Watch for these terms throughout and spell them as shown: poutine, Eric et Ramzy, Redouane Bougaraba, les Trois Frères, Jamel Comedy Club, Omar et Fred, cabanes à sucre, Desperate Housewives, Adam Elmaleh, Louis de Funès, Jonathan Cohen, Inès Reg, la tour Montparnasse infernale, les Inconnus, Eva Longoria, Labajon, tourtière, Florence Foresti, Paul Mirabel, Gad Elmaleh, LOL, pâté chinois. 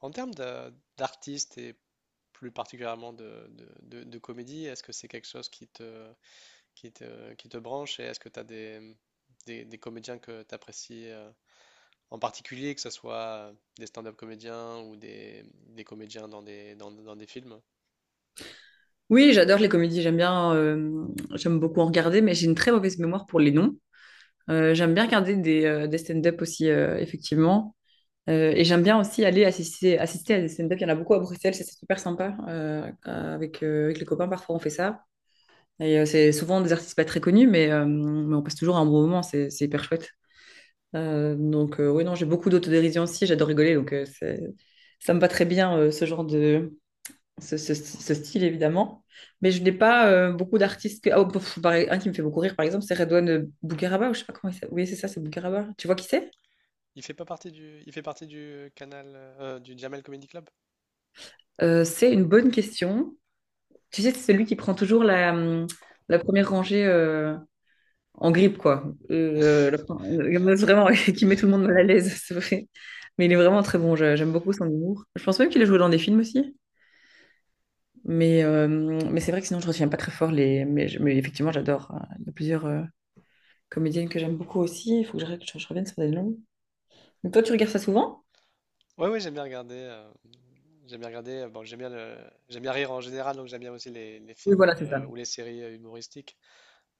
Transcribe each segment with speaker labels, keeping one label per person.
Speaker 1: En termes d'artistes et plus particulièrement de comédie, est-ce que c'est quelque chose qui te branche, et est-ce que tu as des comédiens que tu apprécies en particulier, que ce soit des stand-up comédiens ou des comédiens dans dans des films?
Speaker 2: Oui, j'adore les comédies, j'aime bien, j'aime beaucoup en regarder, mais j'ai une très mauvaise mémoire pour les noms. J'aime bien regarder des stand-up aussi, effectivement. Et j'aime bien aussi aller assister à des stand-up. Il y en a beaucoup à Bruxelles, ça, c'est super sympa. Avec, avec les copains, parfois on fait ça. Et c'est souvent des artistes pas très connus, mais on passe toujours un bon moment, c'est hyper chouette. Donc oui, non, j'ai beaucoup d'autodérision aussi, j'adore rigoler, donc ça me va très bien, ce genre de, ce style, évidemment. Mais je n'ai pas beaucoup d'artistes. Que... ah, oh, pff, par- e-, Un qui me fait beaucoup rire, par exemple, c'est Redouane Bougaraba, ou je sais pas comment il s'appelle. Oui, c'est ça, c'est Bougaraba. Tu vois qui c'est?
Speaker 1: Il fait pas partie du, il fait partie du canal du Jamel Comedy Club?
Speaker 2: C'est une bonne question. Tu sais, c'est celui qui prend toujours la, la première rangée en grippe, quoi. Vraiment, qui met tout le monde mal à l'aise, c'est vrai. Mais il est vraiment très bon, j'aime beaucoup son humour. Je pense même qu'il a joué dans des films aussi. Mais, euh, mais c'est vrai que sinon, je ne retiens pas très fort les. Mais, mais effectivement, j'adore, hein. Il y a plusieurs, comédienne que j'aime beaucoup aussi. Il faut que je, je revienne sur des noms. Donc toi, tu regardes ça souvent?
Speaker 1: Ouais, ouais, j'aime bien regarder. Bon, j'aime bien rire en général, donc j'aime bien aussi les
Speaker 2: Oui,
Speaker 1: films
Speaker 2: voilà, c'est ça.
Speaker 1: ou les séries humoristiques.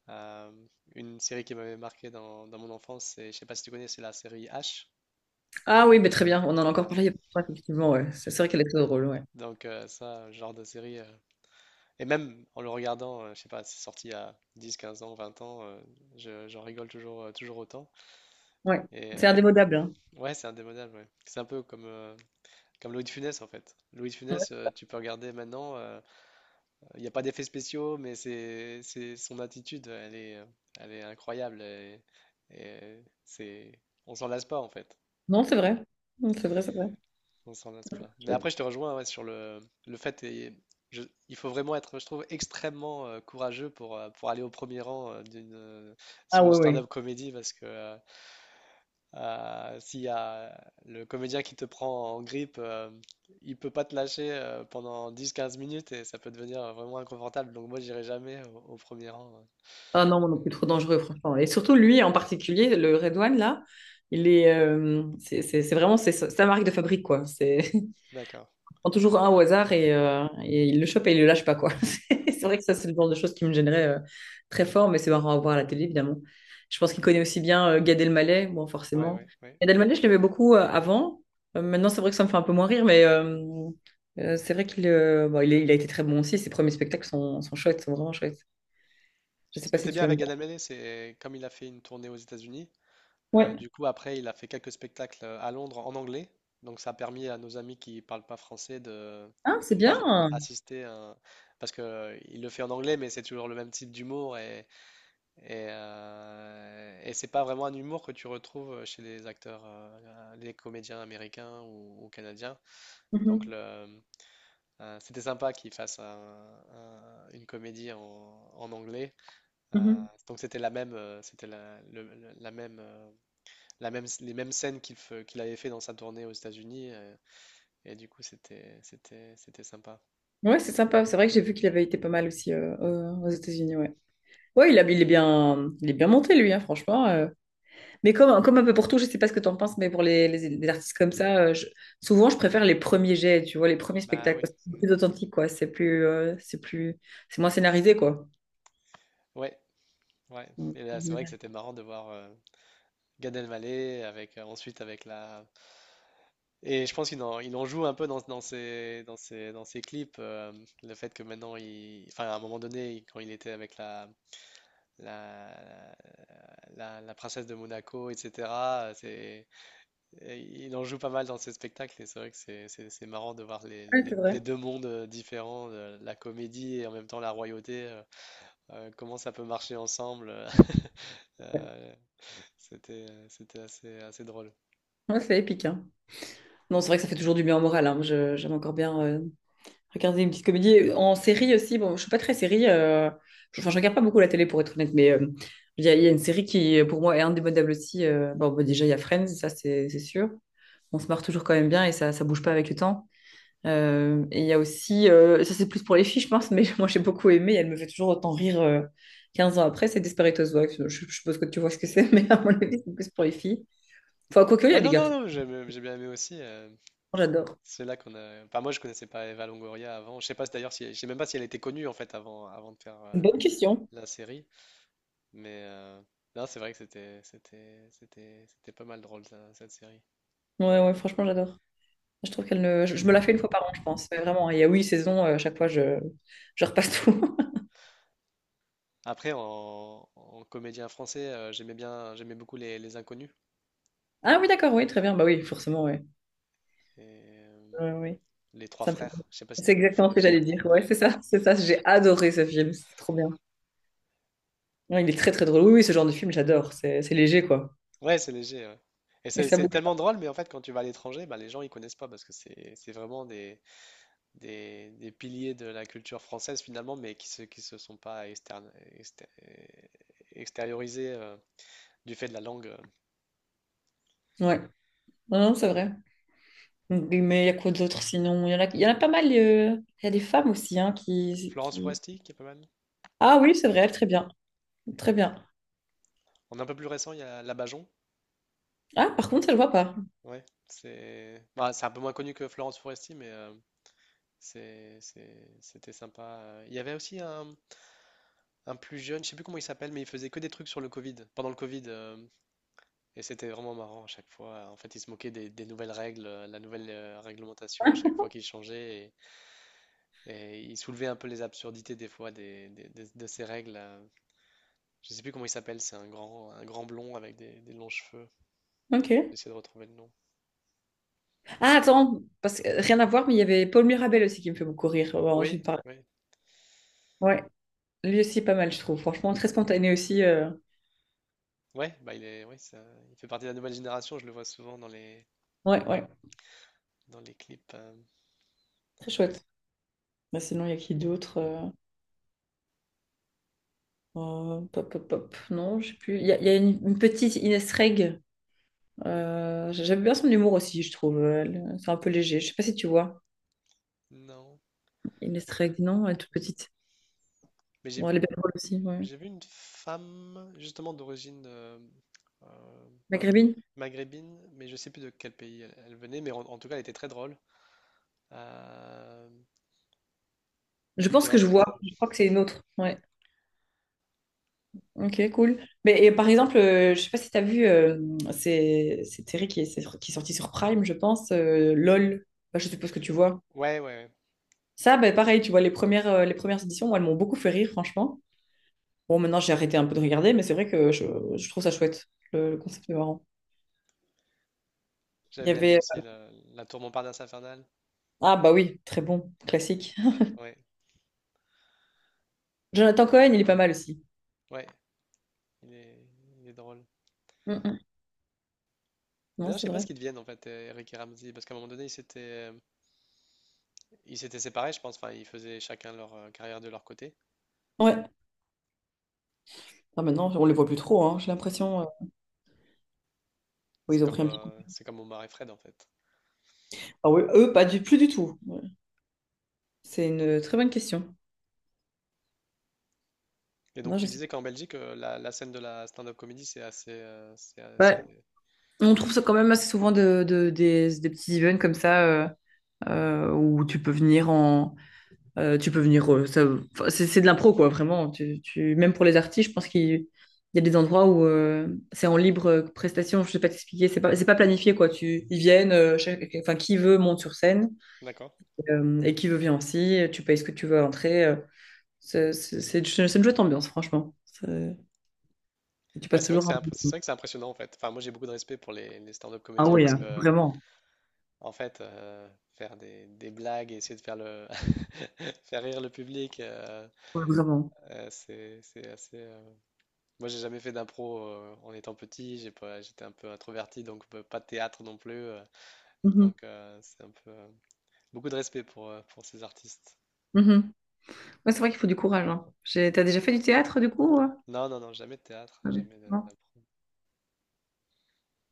Speaker 1: Euh, une série qui m'avait marqué dans mon enfance, c'est, je sais pas si tu connais, c'est la série H.
Speaker 2: Ah oui, mais très bien. On en a encore
Speaker 1: Ah,
Speaker 2: parlé il y a pas longtemps, effectivement. Ouais. C'est vrai qu'elle est très drôle, ouais.
Speaker 1: donc ça, genre de série. Et même en le regardant, je sais pas, c'est sorti il y a 10, 15 ans, 20 ans, j'en rigole toujours, toujours autant.
Speaker 2: Ouais.
Speaker 1: Et
Speaker 2: C'est
Speaker 1: euh,
Speaker 2: indémodable, hein.
Speaker 1: ouais, c'est indémodable, ouais. C'est un peu comme, comme Louis de Funès en fait. Louis de
Speaker 2: Ouais.
Speaker 1: Funès, tu peux regarder maintenant, il n'y a pas d'effets spéciaux, mais c'est son attitude, elle est incroyable. Et c'est, on s'en lasse pas en fait.
Speaker 2: Non, c'est vrai. Non, c'est vrai.
Speaker 1: On s'en lasse pas. Mais
Speaker 2: Ouais.
Speaker 1: après, je te rejoins ouais, sur le fait, et je- il faut vraiment être, je trouve, extrêmement courageux pour aller au premier rang
Speaker 2: Ah
Speaker 1: sur une
Speaker 2: oui, oui.
Speaker 1: stand-up comédie parce que s'il y a le comédien qui te prend en grippe, il peut pas te lâcher pendant 10 à 15 minutes, et ça peut devenir vraiment inconfortable. Donc moi, j'irai jamais au premier rang. Ouais.
Speaker 2: Ah non, moi non plus, trop dangereux, franchement. Et surtout, lui en particulier, le Redouane, là, il est... c'est vraiment c'est sa marque de fabrique, quoi. C'est...
Speaker 1: D'accord.
Speaker 2: prend toujours un au hasard et il le chope et il le lâche pas, quoi. C'est vrai que ça, c'est le genre de choses qui me gênerait très fort, mais c'est marrant à voir à la télé, évidemment. Je pense qu'il connaît aussi bien Gad Elmaleh, bon,
Speaker 1: Ouais,
Speaker 2: forcément.
Speaker 1: ouais, ouais.
Speaker 2: Gad Elmaleh, je l'aimais beaucoup avant. Maintenant, c'est vrai que ça me fait un peu moins rire, mais c'est vrai qu'il bon, il a été très bon aussi. Ses premiers spectacles sont chouettes, sont vraiment chouettes. Je sais
Speaker 1: Ce
Speaker 2: pas
Speaker 1: qui
Speaker 2: si
Speaker 1: était bien
Speaker 2: tu
Speaker 1: avec
Speaker 2: aimes.
Speaker 1: Adam Elmaleh, c'est comme il a fait une tournée aux États-Unis.
Speaker 2: Ouais.
Speaker 1: Du coup, après, il a fait quelques spectacles à Londres en anglais. Donc, ça a permis à nos amis qui parlent pas français
Speaker 2: Ah,
Speaker 1: de
Speaker 2: c'est bien.
Speaker 1: pouvoir assister à Parce que il le fait en anglais, mais c'est toujours le même type d'humour. Et et c'est pas vraiment un humour que tu retrouves chez les acteurs, les comédiens américains ou canadiens. Donc,
Speaker 2: Mhm,
Speaker 1: le- C'était sympa qu'il fasse une comédie en anglais. Euh,
Speaker 2: mhm.
Speaker 1: donc, c'était la même, c'était la même. Les mêmes scènes qu'il avait fait dans sa tournée aux États-Unis, et du coup, c'était sympa.
Speaker 2: Ouais, c'est sympa. C'est vrai que j'ai vu qu'il avait été pas mal aussi aux États-Unis, ouais. Ouais, il est bien monté, lui, hein, franchement, Mais comme un peu pour tout, je sais pas ce que t'en penses, mais pour les, les artistes comme ça, souvent, je préfère les premiers jets, tu vois, les premiers
Speaker 1: Bah
Speaker 2: spectacles,
Speaker 1: oui.
Speaker 2: parce que c'est
Speaker 1: Mm.
Speaker 2: plus authentique, quoi. C'est plus, c'est plus, c'est moins scénarisé, quoi.
Speaker 1: Ouais, ouais.
Speaker 2: Mm.
Speaker 1: Et là, c'est vrai que c'était marrant de voir Gad Elmaleh avec, ensuite avec la. Et je pense qu'il en, il en joue un peu dans ses clips. Le fait que maintenant, il... enfin, à un moment donné, il- quand il était avec la. La, la princesse de Monaco, etc. C'est, et il en joue pas mal dans ses spectacles, et c'est vrai que c'est marrant de voir
Speaker 2: Ouais, c'est vrai.
Speaker 1: les deux mondes différents, la comédie et en même temps la royauté, comment ça peut marcher ensemble.
Speaker 2: Ouais,
Speaker 1: Euh, C'était assez drôle.
Speaker 2: ouais, c'est épique, hein. Non, c'est vrai que ça fait toujours du bien au moral, hein. J'aime encore bien regarder une petite comédie. En série aussi, bon, je suis pas très série, je, enfin, je regarde pas beaucoup la télé, pour être honnête, mais... il y, a, il y a une série qui, pour moi, est indémodable aussi, bon, bah, déjà, il y a Friends, ça, c'est sûr. On se marre toujours quand même bien et ça bouge pas avec le temps. Et il y a aussi, ça c'est plus pour les filles, je pense, mais moi j'ai beaucoup aimé, elle me fait toujours autant rire 15 ans après, c'est Desperate Housewives. Je suppose que tu vois ce que c'est, mais à mon avis, c'est plus pour les filles. Enfin, quoique, il y
Speaker 1: Ouais,
Speaker 2: a les
Speaker 1: non, non,
Speaker 2: garçons,
Speaker 1: non, j'ai bien aimé aussi.
Speaker 2: j'adore.
Speaker 1: C'est là qu'on a. Enfin, moi je connaissais pas Eva Longoria avant. Je sais pas si- d'ailleurs, si, je sais même pas si elle était connue en fait avant, avant de faire
Speaker 2: Une bonne question.
Speaker 1: la série, mais non, c'est vrai que c'était pas mal drôle ça, cette série.
Speaker 2: Ouais, ouais, franchement, j'adore. Je trouve qu'elle ne. Je me la fais une fois par an, je pense. Mais vraiment, il y a huit saisons, à chaque fois, je repasse tout.
Speaker 1: Après, en comédien français, j'aimais beaucoup les Inconnus
Speaker 2: Ah oui, d'accord, oui, très bien. Bah oui, forcément, oui.
Speaker 1: et
Speaker 2: Ouais, ouais, oui,
Speaker 1: les Trois
Speaker 2: ça me fait.
Speaker 1: Frères. Je sais pas si
Speaker 2: C'est
Speaker 1: t'as vu
Speaker 2: exactement
Speaker 1: le
Speaker 2: ce que
Speaker 1: film.
Speaker 2: j'allais dire. Ouais,
Speaker 1: Ouais,
Speaker 2: c'est ça. J'ai adoré ce film, c'était trop bien. Ouais, il est très très drôle. Oui, oui, ce genre de film, j'adore. C'est léger, quoi.
Speaker 1: ouais, c'est léger. Ouais. Et
Speaker 2: Et
Speaker 1: c'est
Speaker 2: ça
Speaker 1: c'est
Speaker 2: bouge.
Speaker 1: tellement drôle, mais en fait, quand tu vas à l'étranger, bah, les gens ils connaissent pas, parce que c'est vraiment des piliers de la culture française finalement, mais qui se sont pas externe, exté- extériorisés du fait de la langue.
Speaker 2: Ouais. Non, c'est vrai. Mais il y a quoi d'autre sinon? Il y en a, il y en a pas mal, il y a des femmes aussi hein,
Speaker 1: Florence
Speaker 2: qui.
Speaker 1: Foresti, qui est pas mal.
Speaker 2: Ah oui, c'est vrai, très bien. Très bien.
Speaker 1: En un peu plus récent, il y a Labajon.
Speaker 2: Ah, par contre, ça le vois pas.
Speaker 1: Ouais, c'est bah, c'est un peu moins connu que Florence Foresti, c'est, c'était sympa. Il y avait aussi un plus jeune, je sais plus comment il s'appelle, mais il faisait que des trucs sur le Covid, pendant le Covid, et c'était vraiment marrant à chaque fois. En fait, il se moquait des nouvelles règles, la nouvelle réglementation à
Speaker 2: Hein.
Speaker 1: chaque fois qu'il changeait. Et il soulevait un peu les absurdités des fois de ces règles. Je sais plus comment il s'appelle, c'est un grand blond avec des longs cheveux.
Speaker 2: Ok.
Speaker 1: J'essaie de retrouver le nom.
Speaker 2: Ah, attends, parce que rien à voir, mais il y avait Paul Mirabel aussi qui me fait beaucoup rire. Ouais, tu me
Speaker 1: Oui,
Speaker 2: parles.
Speaker 1: oui.
Speaker 2: Ouais, lui aussi, pas mal, je trouve. Franchement, très spontané aussi,
Speaker 1: Ouais, bah il est, ouais, ça, il fait partie de la nouvelle génération, je le vois souvent dans
Speaker 2: ouais, ouais,
Speaker 1: dans les clips. Euh.
Speaker 2: très chouette. Bah, sinon, il y a qui d'autre pop, pop, pop. Non, je sais plus. Il y a une petite Ines Reg. J'aime bien son humour aussi, je trouve. Elle- c'est un peu léger. Je sais pas si tu vois.
Speaker 1: Non.
Speaker 2: Inès Régnan, elle est toute petite.
Speaker 1: Mais j'ai
Speaker 2: Bon, elle
Speaker 1: vu
Speaker 2: est belle drôle aussi, ouais.
Speaker 1: J'ai vu une femme justement d'origine euh,
Speaker 2: Maghrébine?
Speaker 1: maghrébine, mais je sais plus de quel pays elle venait, mais en tout cas elle était très drôle. Euh,
Speaker 2: Je pense
Speaker 1: et en
Speaker 2: que je
Speaker 1: fait,
Speaker 2: vois.
Speaker 1: euh,
Speaker 2: Je crois que c'est une autre. Ouais. Ok, cool. Mais et par exemple, je sais pas si tu as vu, c'est Terry qui est, qui est sorti sur Prime, je pense, LOL. Bah, je suppose que tu vois.
Speaker 1: ouais, ouais, ouais.
Speaker 2: Ça, bah, pareil, tu vois, les premières éditions, moi, elles m'ont beaucoup fait rire, franchement. Bon, maintenant, j'ai arrêté un peu de regarder, mais c'est vrai que je trouve ça chouette. Le concept est marrant. Il
Speaker 1: J'avais
Speaker 2: y
Speaker 1: bien aimé
Speaker 2: avait...
Speaker 1: aussi la tour Montparnasse infernale.
Speaker 2: Ah bah oui, très bon, classique.
Speaker 1: Ouais,
Speaker 2: Jonathan Cohen, il est pas mal aussi.
Speaker 1: ouais, il est, il est drôle.
Speaker 2: Mm, mm. Non,
Speaker 1: D'ailleurs, je
Speaker 2: c'est
Speaker 1: sais pas ce
Speaker 2: vrai.
Speaker 1: qu'ils deviennent en fait, Eric et Ramzy, parce qu'à un moment donné, ils s'étaient séparés, je pense. Enfin, ils faisaient chacun leur carrière de leur côté.
Speaker 2: Ouais. Ah, maintenant, on les voit plus trop, hein, j'ai
Speaker 1: Mm.
Speaker 2: l'impression, oui, ils ont pris un petit coup.
Speaker 1: C'est comme Omar et Fred en fait.
Speaker 2: Ah oui, eux, pas du plus du tout. Ouais. C'est une très bonne question.
Speaker 1: Et donc
Speaker 2: Non, je
Speaker 1: tu
Speaker 2: sais
Speaker 1: disais qu'en Belgique, la scène de la stand-up comedy, c'est
Speaker 2: pas. Ouais.
Speaker 1: assez...
Speaker 2: On trouve ça quand même assez souvent de, des petits events comme ça où tu peux venir en, tu peux venir, enfin, c'est de l'impro, quoi, vraiment. Tu, même pour les artistes, je pense qu'il il y a des endroits où c'est en libre prestation. Je sais pas t'expliquer. C'est pas planifié, quoi. Tu, ils viennent, enfin, qui veut monte sur scène.
Speaker 1: D'accord.
Speaker 2: Et qui veut vient aussi. Tu payes ce que tu veux à l'entrée, c'est une chouette ambiance, franchement. C'est- et tu
Speaker 1: Ouais,
Speaker 2: passes toujours un bon
Speaker 1: c'est
Speaker 2: moment.
Speaker 1: vrai que c'est impressionnant en fait. Enfin, moi j'ai beaucoup de respect pour les stand-up
Speaker 2: Ah
Speaker 1: comédiens,
Speaker 2: oui,
Speaker 1: parce
Speaker 2: hein,
Speaker 1: que
Speaker 2: vraiment.
Speaker 1: en fait, faire des blagues et essayer de faire le faire rire le public,
Speaker 2: Ouais, vraiment.
Speaker 1: c'est assez. Moi j'ai jamais fait d'impro en étant petit. J'ai pas, j'étais un peu introverti, donc pas de théâtre non plus.
Speaker 2: Mhm,
Speaker 1: C'est un peu beaucoup de respect pour ces artistes.
Speaker 2: mhm. Ouais, c'est vrai qu'il faut du courage, hein. J'ai- t'as déjà fait du théâtre, du coup?
Speaker 1: Non non non, jamais de théâtre,
Speaker 2: Ah oui.
Speaker 1: jamais de-
Speaker 2: Non,
Speaker 1: d'impro.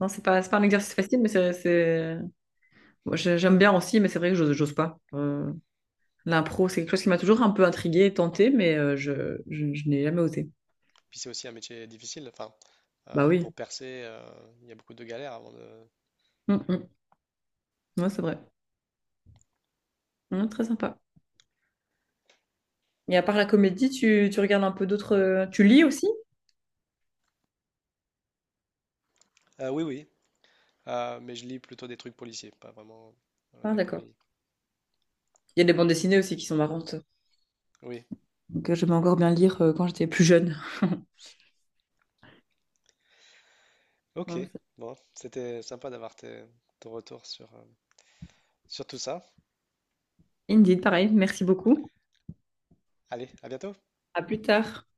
Speaker 2: c'est pas un exercice facile, mais c'est- moi, j'ai- j'aime bien aussi, mais c'est vrai que j'ose pas. L'impro, c'est quelque chose qui m'a toujours un peu intriguée et tentée, mais je n'ai jamais osé.
Speaker 1: Puis c'est aussi un métier difficile. Enfin,
Speaker 2: Bah
Speaker 1: pour
Speaker 2: oui.
Speaker 1: percer, il y a beaucoup de galères avant de.
Speaker 2: Mm, mm. Ouais, c'est vrai. Mm, très sympa. Mais à part la comédie, tu regardes un peu d'autres, tu lis aussi?
Speaker 1: Oui, oui. Mais je lis plutôt des trucs policiers, pas vraiment de
Speaker 2: Ah,
Speaker 1: la
Speaker 2: d'accord.
Speaker 1: comédie.
Speaker 2: Il y a des bandes dessinées aussi qui sont marrantes.
Speaker 1: Oui.
Speaker 2: Donc, j'aimais encore bien lire quand j'étais plus jeune.
Speaker 1: Ok.
Speaker 2: Ouais,
Speaker 1: Bon, c'était sympa d'avoir ton retour sur, sur tout ça.
Speaker 2: c'est- Indeed, pareil. Merci beaucoup.
Speaker 1: Allez, à bientôt.
Speaker 2: À plus tard.